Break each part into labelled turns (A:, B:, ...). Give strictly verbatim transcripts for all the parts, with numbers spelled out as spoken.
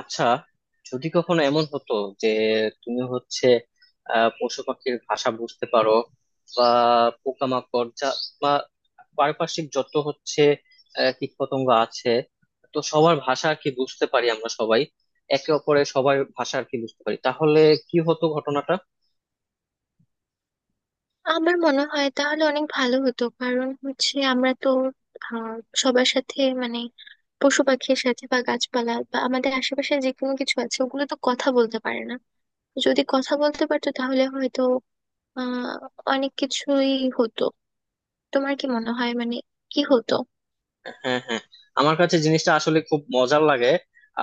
A: আচ্ছা, যদি কখনো এমন হতো যে তুমি হচ্ছে আহ পশু পাখির ভাষা বুঝতে পারো, বা পোকামাকড় যা, বা পারিপার্শ্বিক যত হচ্ছে আহ, কীটপতঙ্গ আছে। তো সবার ভাষা আর কি বুঝতে পারি, আমরা সবাই একে অপরের সবার ভাষা আর কি বুঝতে পারি, তাহলে কি হতো ঘটনাটা?
B: আমার মনে হয় তাহলে অনেক ভালো হতো। কারণ হচ্ছে আমরা তো আহ সবার সাথে মানে পশু পাখির সাথে বা গাছপালা বা আমাদের আশেপাশে যে কোনো কিছু আছে ওগুলো তো কথা বলতে পারে না। যদি কথা বলতে পারতো তাহলে হয়তো আহ অনেক কিছুই হতো। তোমার কি মনে হয় মানে কি হতো?
A: হ্যাঁ, হ্যাঁ, আমার কাছে জিনিসটা আসলে খুব মজার লাগে।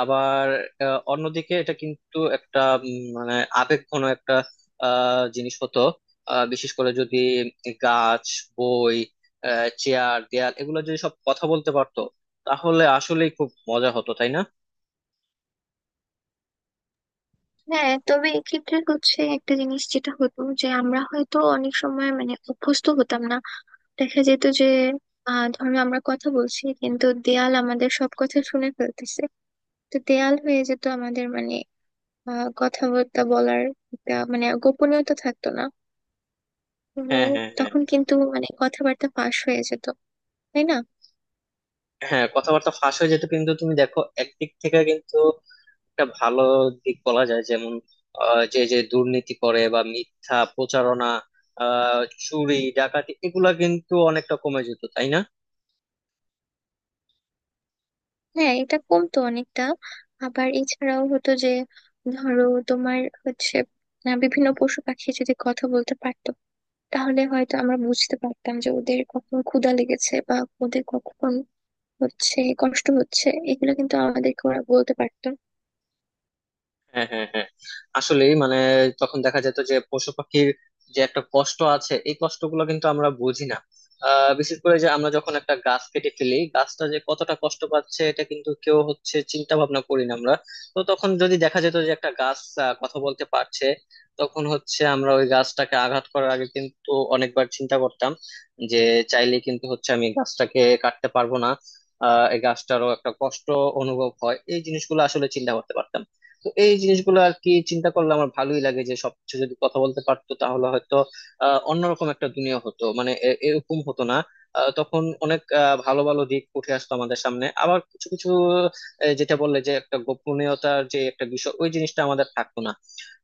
A: আবার আহ, অন্যদিকে এটা কিন্তু একটা উম, মানে আবেগঘন একটা আহ, জিনিস হতো। আহ, বিশেষ করে যদি গাছ, বই, চেয়ার, দেয়াল এগুলো যদি সব কথা বলতে পারতো, তাহলে আসলেই খুব মজা হতো, তাই না?
B: হ্যাঁ, তবে এক্ষেত্রে হচ্ছে একটা জিনিস যেটা হতো, যে আমরা হয়তো অনেক সময় মানে অভ্যস্ত হতাম না। দেখা যেত যে আহ ধরো আমরা কথা বলছি কিন্তু দেয়াল আমাদের সব কথা শুনে ফেলতেছে। তো দেয়াল হয়ে যেত আমাদের মানে আহ, কথাবার্তা বলার একটা মানে গোপনীয়তা থাকতো না। তো
A: হ্যাঁ, হ্যাঁ, হ্যাঁ,
B: তখন কিন্তু মানে কথাবার্তা ফাঁস হয়ে যেত, তাই না?
A: হ্যাঁ, কথাবার্তা ফাঁস হয়ে যেত কিন্তু তুমি দেখো একদিক থেকে কিন্তু একটা ভালো দিক বলা যায়, যেমন আহ, যে যে দুর্নীতি করে বা মিথ্যা প্রচারণা, আহ চুরি ডাকাতি, এগুলা কিন্তু অনেকটা কমে যেত, তাই না?
B: হ্যাঁ, এটা কমতো অনেকটা। আবার এছাড়াও হতো যে ধরো তোমার হচ্ছে আহ, বিভিন্ন পশু পাখি যদি কথা বলতে পারতো তাহলে হয়তো আমরা বুঝতে পারতাম যে ওদের কখন ক্ষুধা লেগেছে বা ওদের কখন হচ্ছে কষ্ট হচ্ছে, এগুলো কিন্তু আমাদেরকে ওরা বলতে পারতো।
A: হ্যাঁ, হ্যাঁ, হ্যাঁ, আসলে মানে তখন দেখা যেত যে পশু পাখির যে একটা কষ্ট আছে, এই কষ্টগুলো কিন্তু আমরা বুঝি না। আহ, বিশেষ করে যে আমরা যখন একটা গাছ কেটে ফেলি, গাছটা যে কতটা কষ্ট পাচ্ছে এটা কিন্তু কেউ হচ্ছে চিন্তা ভাবনা করি না আমরা। তো তখন যদি দেখা যেত যে একটা গাছ আহ, কথা বলতে পারছে, তখন হচ্ছে আমরা ওই গাছটাকে আঘাত করার আগে কিন্তু অনেকবার চিন্তা করতাম, যে চাইলে কিন্তু হচ্ছে আমি গাছটাকে কাটতে পারবো না, আহ এই গাছটারও একটা কষ্ট অনুভব হয়, এই জিনিসগুলো আসলে চিন্তা করতে পারতাম না। তো এই জিনিসগুলো আর কি চিন্তা করলে আমার ভালোই লাগে, যে সবকিছু যদি কথা বলতে পারতো তাহলে হয়তো আহ, অন্যরকম একটা দুনিয়া হতো, মানে এ- এরকম হতো না। আহ, তখন অনেক আহ, ভালো ভালো দিক উঠে আসতো আমাদের সামনে, আবার কিছু কিছু আহ, যেটা বললে যে একটা গোপনীয়তার যে একটা বিষয় ওই জিনিসটা আমাদের থাকতো না।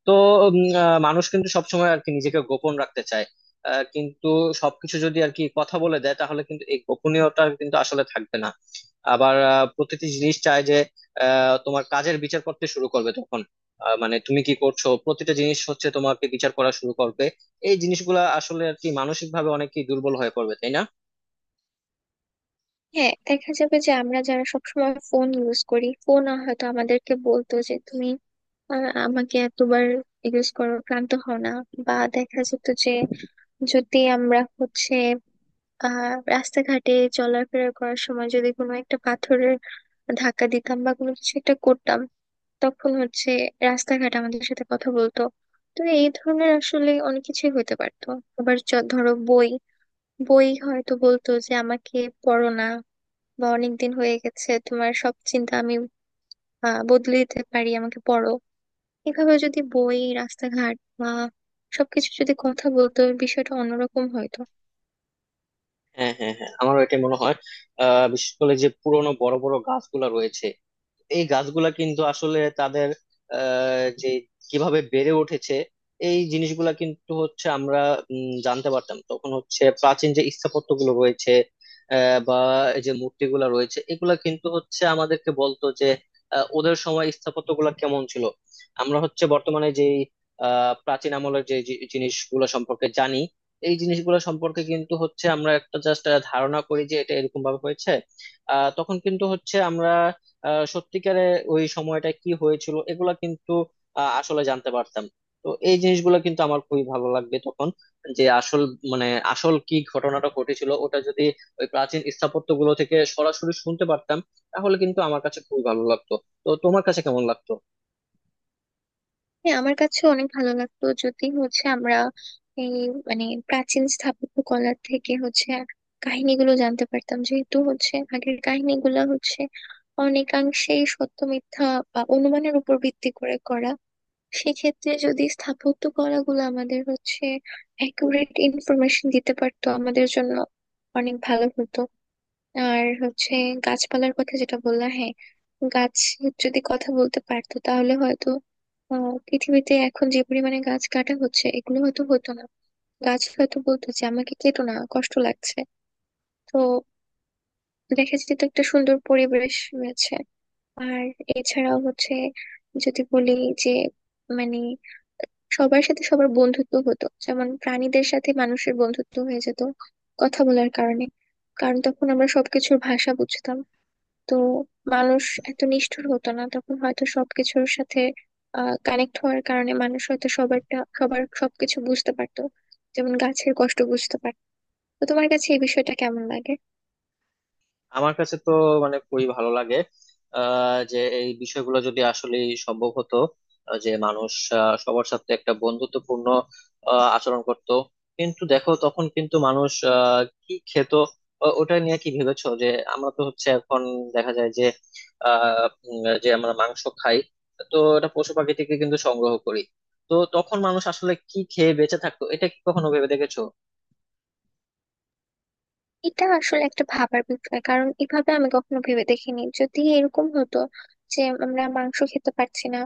A: তো উম, আহ, মানুষ কিন্তু সবসময় আর কি নিজেকে গোপন রাখতে চায়। আহ, কিন্তু সবকিছু যদি আর কি কথা বলে দেয় তাহলে কিন্তু এই গোপনীয়তা কিন্তু আসলে থাকবে না। আবার আহ, প্রতিটি জিনিস চায় যে আহ তোমার কাজের বিচার করতে শুরু করবে তখন। আহ, মানে তুমি কি করছো, প্রতিটা জিনিস হচ্ছে তোমাকে বিচার করা শুরু করবে। এই জিনিসগুলা আসলে আর কি মানসিক ভাবে অনেকেই দুর্বল হয়ে পড়বে, তাই না?
B: হ্যাঁ, দেখা যাবে যে আমরা যারা সবসময় ফোন ইউজ করি, ফোন হয়তো আমাদেরকে বলতো যে তুমি আহ, আমাকে এতবার ইউজ করো, ক্লান্ত হও না? বা দেখা যেত যে যদি আমরা হচ্ছে আহ রাস্তাঘাটে চলাফেরা করার সময় যদি কোনো একটা পাথরের ধাক্কা দিতাম বা কোনো কিছু একটা করতাম, তখন হচ্ছে রাস্তাঘাট আমাদের সাথে কথা বলতো। তো এই ধরনের আসলে অনেক কিছুই হতে পারতো। আবার চ- ধরো বই, বই হয়তো বলতো যে আমাকে পড়ো না, বা অনেক দিন হয়ে গেছে, তোমার সব চিন্তা আমি আহ, বদলে দিতে পারি, আমাকে পড়ো। এভাবে যদি বই, রাস্তাঘাট বা সবকিছু যদি কথা বলতো, বিষয়টা অন্যরকম হয়তো।
A: হ্যাঁ, হ্যাঁ, হ্যাঁ, আমারও এটা মনে হয়। আহ বিশেষ করে যে পুরোনো বড় বড় গাছগুলা রয়েছে, এই গাছগুলা কিন্তু আসলে তাদের আহ যে কিভাবে বেড়ে উঠেছে এই জিনিসগুলা কিন্তু হচ্ছে আমরা উম, জানতে পারতাম। তখন হচ্ছে প্রাচীন যে স্থাপত্য গুলো রয়েছে আহ, বা এই যে মূর্তিগুলা রয়েছে এগুলা কিন্তু হচ্ছে আমাদেরকে বলতো যে আহ, ওদের সময় স্থাপত্য গুলা কেমন ছিল। আমরা হচ্ছে বর্তমানে যে আহ প্রাচীন আমলের যে জি- জিনিসগুলো সম্পর্কে জানি, এই জিনিসগুলো সম্পর্কে কিন্তু হচ্ছে আমরা একটা জাস্ট ধারণা করি যে এটা এরকম ভাবে হয়েছে। আহ তখন কিন্তু হচ্ছে আমরা আহ সত্যিকারে ওই সময়টা কি হয়েছিল এগুলা কিন্তু আহ, আসলে জানতে পারতাম। তো এই জিনিসগুলো কিন্তু আমার খুবই ভালো লাগবে তখন, যে আসল মানে আসল কি ঘটনাটা ঘটেছিল ওটা যদি ওই প্রাচীন স্থাপত্য গুলো থেকে সরাসরি শুনতে পারতাম তাহলে কিন্তু আমার কাছে খুবই ভালো লাগতো। তো তোমার কাছে কেমন লাগতো?
B: হ্যাঁ, আমার কাছে অনেক ভালো লাগতো যদি হচ্ছে আমরা এই মানে প্রাচীন স্থাপত্য কলার থেকে হচ্ছে কাহিনীগুলো জানতে পারতাম। যেহেতু হচ্ছে আগের কাহিনীগুলো হচ্ছে অনেকাংশেই সত্য মিথ্যা বা অনুমানের উপর ভিত্তি করে করা, সেক্ষেত্রে যদি স্থাপত্য কলাগুলো আমাদের হচ্ছে অ্যাকুরেট ইনফরমেশন দিতে পারতো, আমাদের জন্য অনেক ভালো হতো। আর হচ্ছে গাছপালার কথা যেটা বললাম, হ্যাঁ, গাছ যদি কথা বলতে পারতো তাহলে হয়তো আহ, পৃথিবীতে এখন যে পরিমাণে গাছ কাটা হচ্ছে, এগুলো হয়তো হতো না। গাছ হয়তো বলতো যে আমাকে কেটো না, কষ্ট লাগছে। তো দেখা যেত একটা সুন্দর পরিবেশ রয়েছে। আর এছাড়াও হচ্ছে, যদি বলি যে মানে সবার সাথে সবার বন্ধুত্ব হতো, যেমন প্রাণীদের সাথে মানুষের বন্ধুত্ব হয়ে যেত কথা বলার কারণে। কারণ তখন আমরা সবকিছুর ভাষা বুঝতাম। তো মানুষ এত নিষ্ঠুর হতো না তখন হয়তো। সবকিছুর সাথে আহ কানেক্ট হওয়ার কারণে মানুষ হয়তো সবারটা, সবার সবকিছু বুঝতে পারতো, যেমন গাছের কষ্ট বুঝতে পারতো। তো তোমার কাছে এই বিষয়টা কেমন লাগে?
A: আমার কাছে তো মানে খুবই ভালো লাগে, আহ, যে এই বিষয়গুলো যদি আসলে সম্ভব হতো, আহ, যে মানুষ আহ, সবার সাথে একটা বন্ধুত্বপূর্ণ আহ, আচরণ করত। কিন্তু দেখো তখন কিন্তু মানুষ আহ, কি খেত, ও- ওটা নিয়ে কি ভেবেছো, যে আমরা তো হচ্ছে এখন দেখা যায় যে আহ উম, যে আমরা মাংস খাই। তো এটা পশু পাখি থেকে কিন্তু সংগ্রহ করি। তো তখন মানুষ আসলে কি খেয়ে বেঁচে থাকতো, এটা কি কখনো ভেবে দেখেছো?
B: এটা আসলে একটা ভাবার বিষয়। কারণ এভাবে আমি কখনো ভেবে দেখিনি, যদি এরকম হতো যে আমরা মাংস খেতে পারছি না।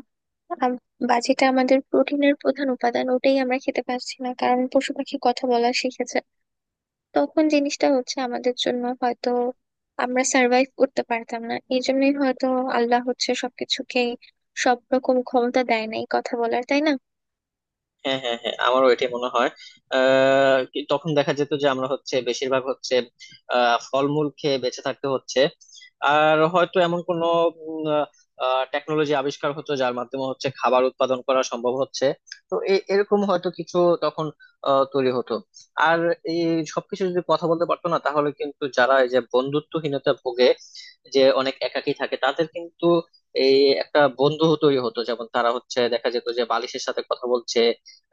B: আম- বা যেটা আমাদের প্রোটিনের প্রধান উপাদান, ওটাই আমরা খেতে পারছি না কারণ পশু পাখি কথা বলা শিখেছে। তখন জিনিসটা হচ্ছে আমাদের জন্য হয়তো আমরা সার্ভাইভ করতে পারতাম না। এই জন্যই হয়তো আল্লাহ হচ্ছে সবকিছুকে সব রকম ক্ষমতা দেয় নাই কথা বলার, তাই না?
A: হ্যাঁ, হ্যাঁ, হ্যাঁ, আমারও এটাই মনে হয়। আহ কি- তখন দেখা যেত যে আমরা হচ্ছে বেশিরভাগ হচ্ছে আহ ফলমূল খেয়ে বেঁচে থাকতে হচ্ছে। আর হয়তো এমন কোনো টেকনোলজি আবিষ্কার হতো যার মাধ্যমে হচ্ছে খাবার উৎপাদন করা সম্ভব হচ্ছে। তো এ- এরকম হয়তো কিছু তখন আহ, তৈরি হতো। আর এই সবকিছু যদি কথা বলতে পারতো না তাহলে কিন্তু যারা এই যে বন্ধুত্বহীনতা ভোগে, যে অনেক একাকী থাকে, তাদের কিন্তু এই একটা বন্ধু তৈরি হতো, যেমন তারা হচ্ছে দেখা যেত যে বালিশের সাথে কথা বলছে,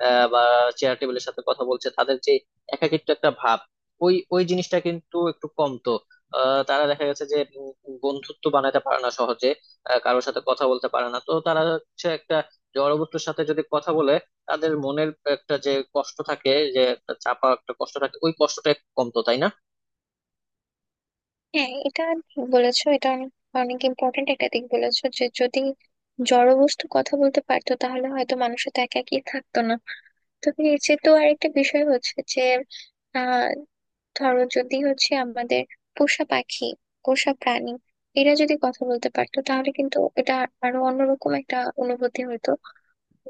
A: আহ, বা চেয়ার টেবিলের সাথে কথা বলছে। তাদের যে একাকিত্ব একটা ভাব, ওই ওই জিনিসটা কিন্তু একটু কমতো। আহ, তারা দেখা গেছে যে উম, বন্ধুত্ব বানাতে পারে না সহজে, আহ, কারোর সাথে কথা বলতে পারে না, তো তারা হচ্ছে একটা জড়বস্তুর সাথে যদি কথা বলে, তাদের মনের একটা যে কষ্ট থাকে, যে একটা চাপা একটা কষ্ট থাকে, ওই কষ্টটা একটু কমতো, তাই না?
B: হ্যাঁ, এটা ঠিক বলেছো। এটা অনেক অনেক ইম্পর্টেন্ট একটা দিক বলেছো যে যদি জড়বস্তু কথা বলতে পারতো তাহলে হয়তো মানুষ তো একা একই থাকতো না। তবে এর চেয়ে তো আরেকটা বিষয় হচ্ছে যে আহ ধরো যদি হচ্ছে আমাদের পোষা পাখি, পোষা প্রাণী, এরা যদি কথা বলতে পারতো তাহলে কিন্তু এটা আরো অন্যরকম একটা অনুভূতি হতো।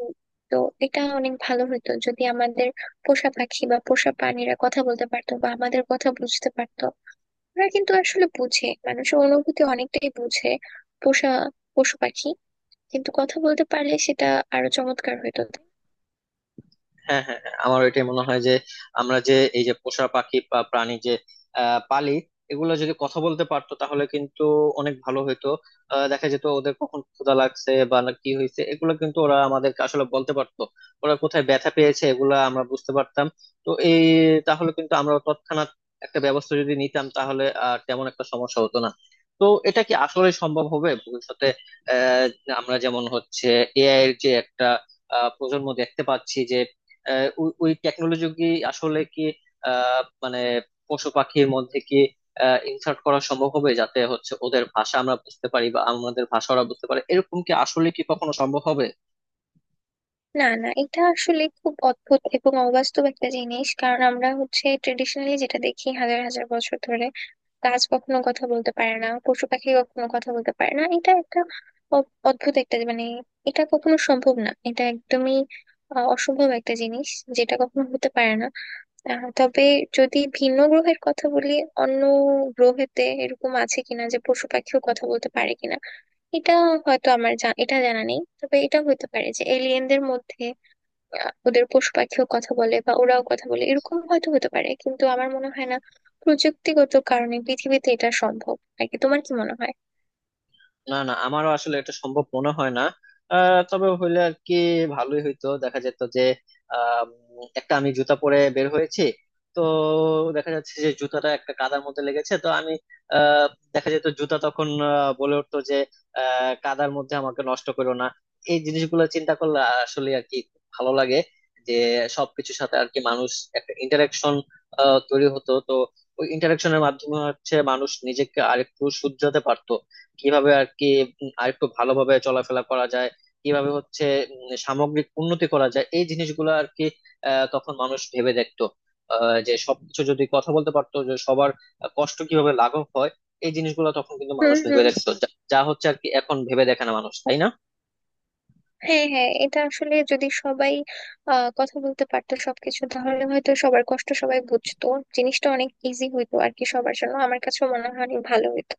B: উম, তো এটা অনেক ভালো হতো যদি আমাদের পোষা পাখি বা পোষা প্রাণীরা কথা বলতে পারতো বা আমাদের কথা বুঝতে পারতো। আমরা কিন্তু আসলে বুঝে, মানুষের অনুভূতি অনেকটাই বুঝে পোষা পশু পাখি, কিন্তু কথা বলতে পারলে সেটা আরো চমৎকার হতো।
A: হ্যাঁ, হ্যাঁ, হ্যাঁ, আমার এটাই মনে হয় যে আমরা যে এই যে পোষা পাখি বা প্রাণী যে আহ, পালি, এগুলো যদি কথা বলতে পারতো তাহলে কিন্তু অনেক ভালো হইতো। আহ, দেখা যেত ওদের কখন ক্ষুধা লাগছে বা না কি হয়েছে, এগুলো কিন্তু ওরা আমাদেরকে আসলে বলতে পারতো। ওরা কোথায় ব্যথা পেয়েছে, এগুলো আমরা বুঝতে পারতাম। তো এই তাহলে কিন্তু আমরা তৎক্ষণাৎ একটা ব্যবস্থা যদি নিতাম তাহলে আর তেমন একটা সমস্যা হতো না। তো এটা কি আসলে সম্ভব হবে ভবিষ্যতে? আহ আমরা যেমন হচ্ছে এ আই এর যে একটা আহ প্রজন্ম দেখতে পাচ্ছি যে আহ, ওই ওই টেকনোলজি কি আসলে কি, আহ, মানে পশু পাখির মধ্যে কি ইনসার্ট করা সম্ভব হবে, যাতে হচ্ছে ওদের ভাষা আমরা বুঝতে পারি বা আমাদের ভাষা ওরা বুঝতে পারে, এরকম কি আসলে কি কখনো সম্ভব হবে?
B: না না, এটা আসলে খুব অদ্ভুত এবং অবাস্তব একটা জিনিস। কারণ আমরা হচ্ছে ট্রেডিশনালি যেটা দেখি হাজার হাজার বছর ধরে, গাছ কখনো কথা বলতে পারে না, পশু পাখি কখনো কথা বলতে পারে না। এটা একটা অ- অদ্ভুত একটা মানে, এটা কখনো সম্ভব না, এটা একদমই আহ, অসম্ভব একটা জিনিস যেটা কখনো হতে পারে না। আহ, তবে যদি ভিন্ন গ্রহের কথা বলি, অন্য গ্রহেতে এরকম আছে কিনা যে পশু পাখিও কথা বলতে পারে কিনা, এটা হয়তো আমার জা- এটা জানা নেই। তবে এটা হতে পারে যে এলিয়েনদের মধ্যে আহ, ওদের পশু পাখিও কথা বলে বা ওরাও কথা বলে, এরকম হয়তো হতে পারে। কিন্তু আমার মনে হয় না প্রযুক্তিগত কারণে পৃথিবীতে এটা সম্ভব আর কি। তোমার কি মনে হয়?
A: না, না, আমারও আসলে এটা সম্ভব মনে হয় না। আহ, তবে হইলে আর কি ভালোই হইতো, দেখা যেত যে আহ, উম, একটা আমি জুতা পরে বের হয়েছি। তো দেখা যাচ্ছে যে জুতাটা একটা কাদার মধ্যে লেগেছে, তো আমি আহ, দেখা যেত জুতা তখন আহ, বলে উঠতো যে আহ, কাদার মধ্যে আমাকে নষ্ট করো না। এই জিনিসগুলো চিন্তা করলে আসলে আর কি ভালো লাগে, যে সবকিছুর সাথে আর কি মানুষ একটা ইন্টারাকশন তৈরি হতো। তো ওই ইন্টারাকশনের মাধ্যমে হচ্ছে মানুষ নিজেকে আরেকটু শুধরাতে পারতো, কিভাবে আর কি আর একটু ভালোভাবে চলাফেরা করা যায়, কিভাবে হচ্ছে উম, সামগ্রিক উন্নতি করা যায়, এই জিনিসগুলো আর কি। আহ, তখন মানুষ ভেবে দেখতো, আহ, যে সবকিছু যদি কথা বলতে পারতো যে সবার কষ্ট কিভাবে লাঘব হয়। এই জিনিসগুলো তখন কিন্তু মানুষ
B: হুম
A: ভেবে
B: হুম।
A: দেখতো, যা যা হচ্ছে আর কি এখন ভেবে দেখে না মানুষ, তাই না?
B: হ্যাঁ হ্যাঁ, এটা আসলে যদি সবাই আহ কথা বলতে পারতো, সবকিছু, তাহলে হয়তো সবার কষ্ট সবাই বুঝতো। জিনিসটা অনেক ইজি হইতো আর কি সবার জন্য। আমার কাছেও মনে হয় অনেক ভালো হইতো।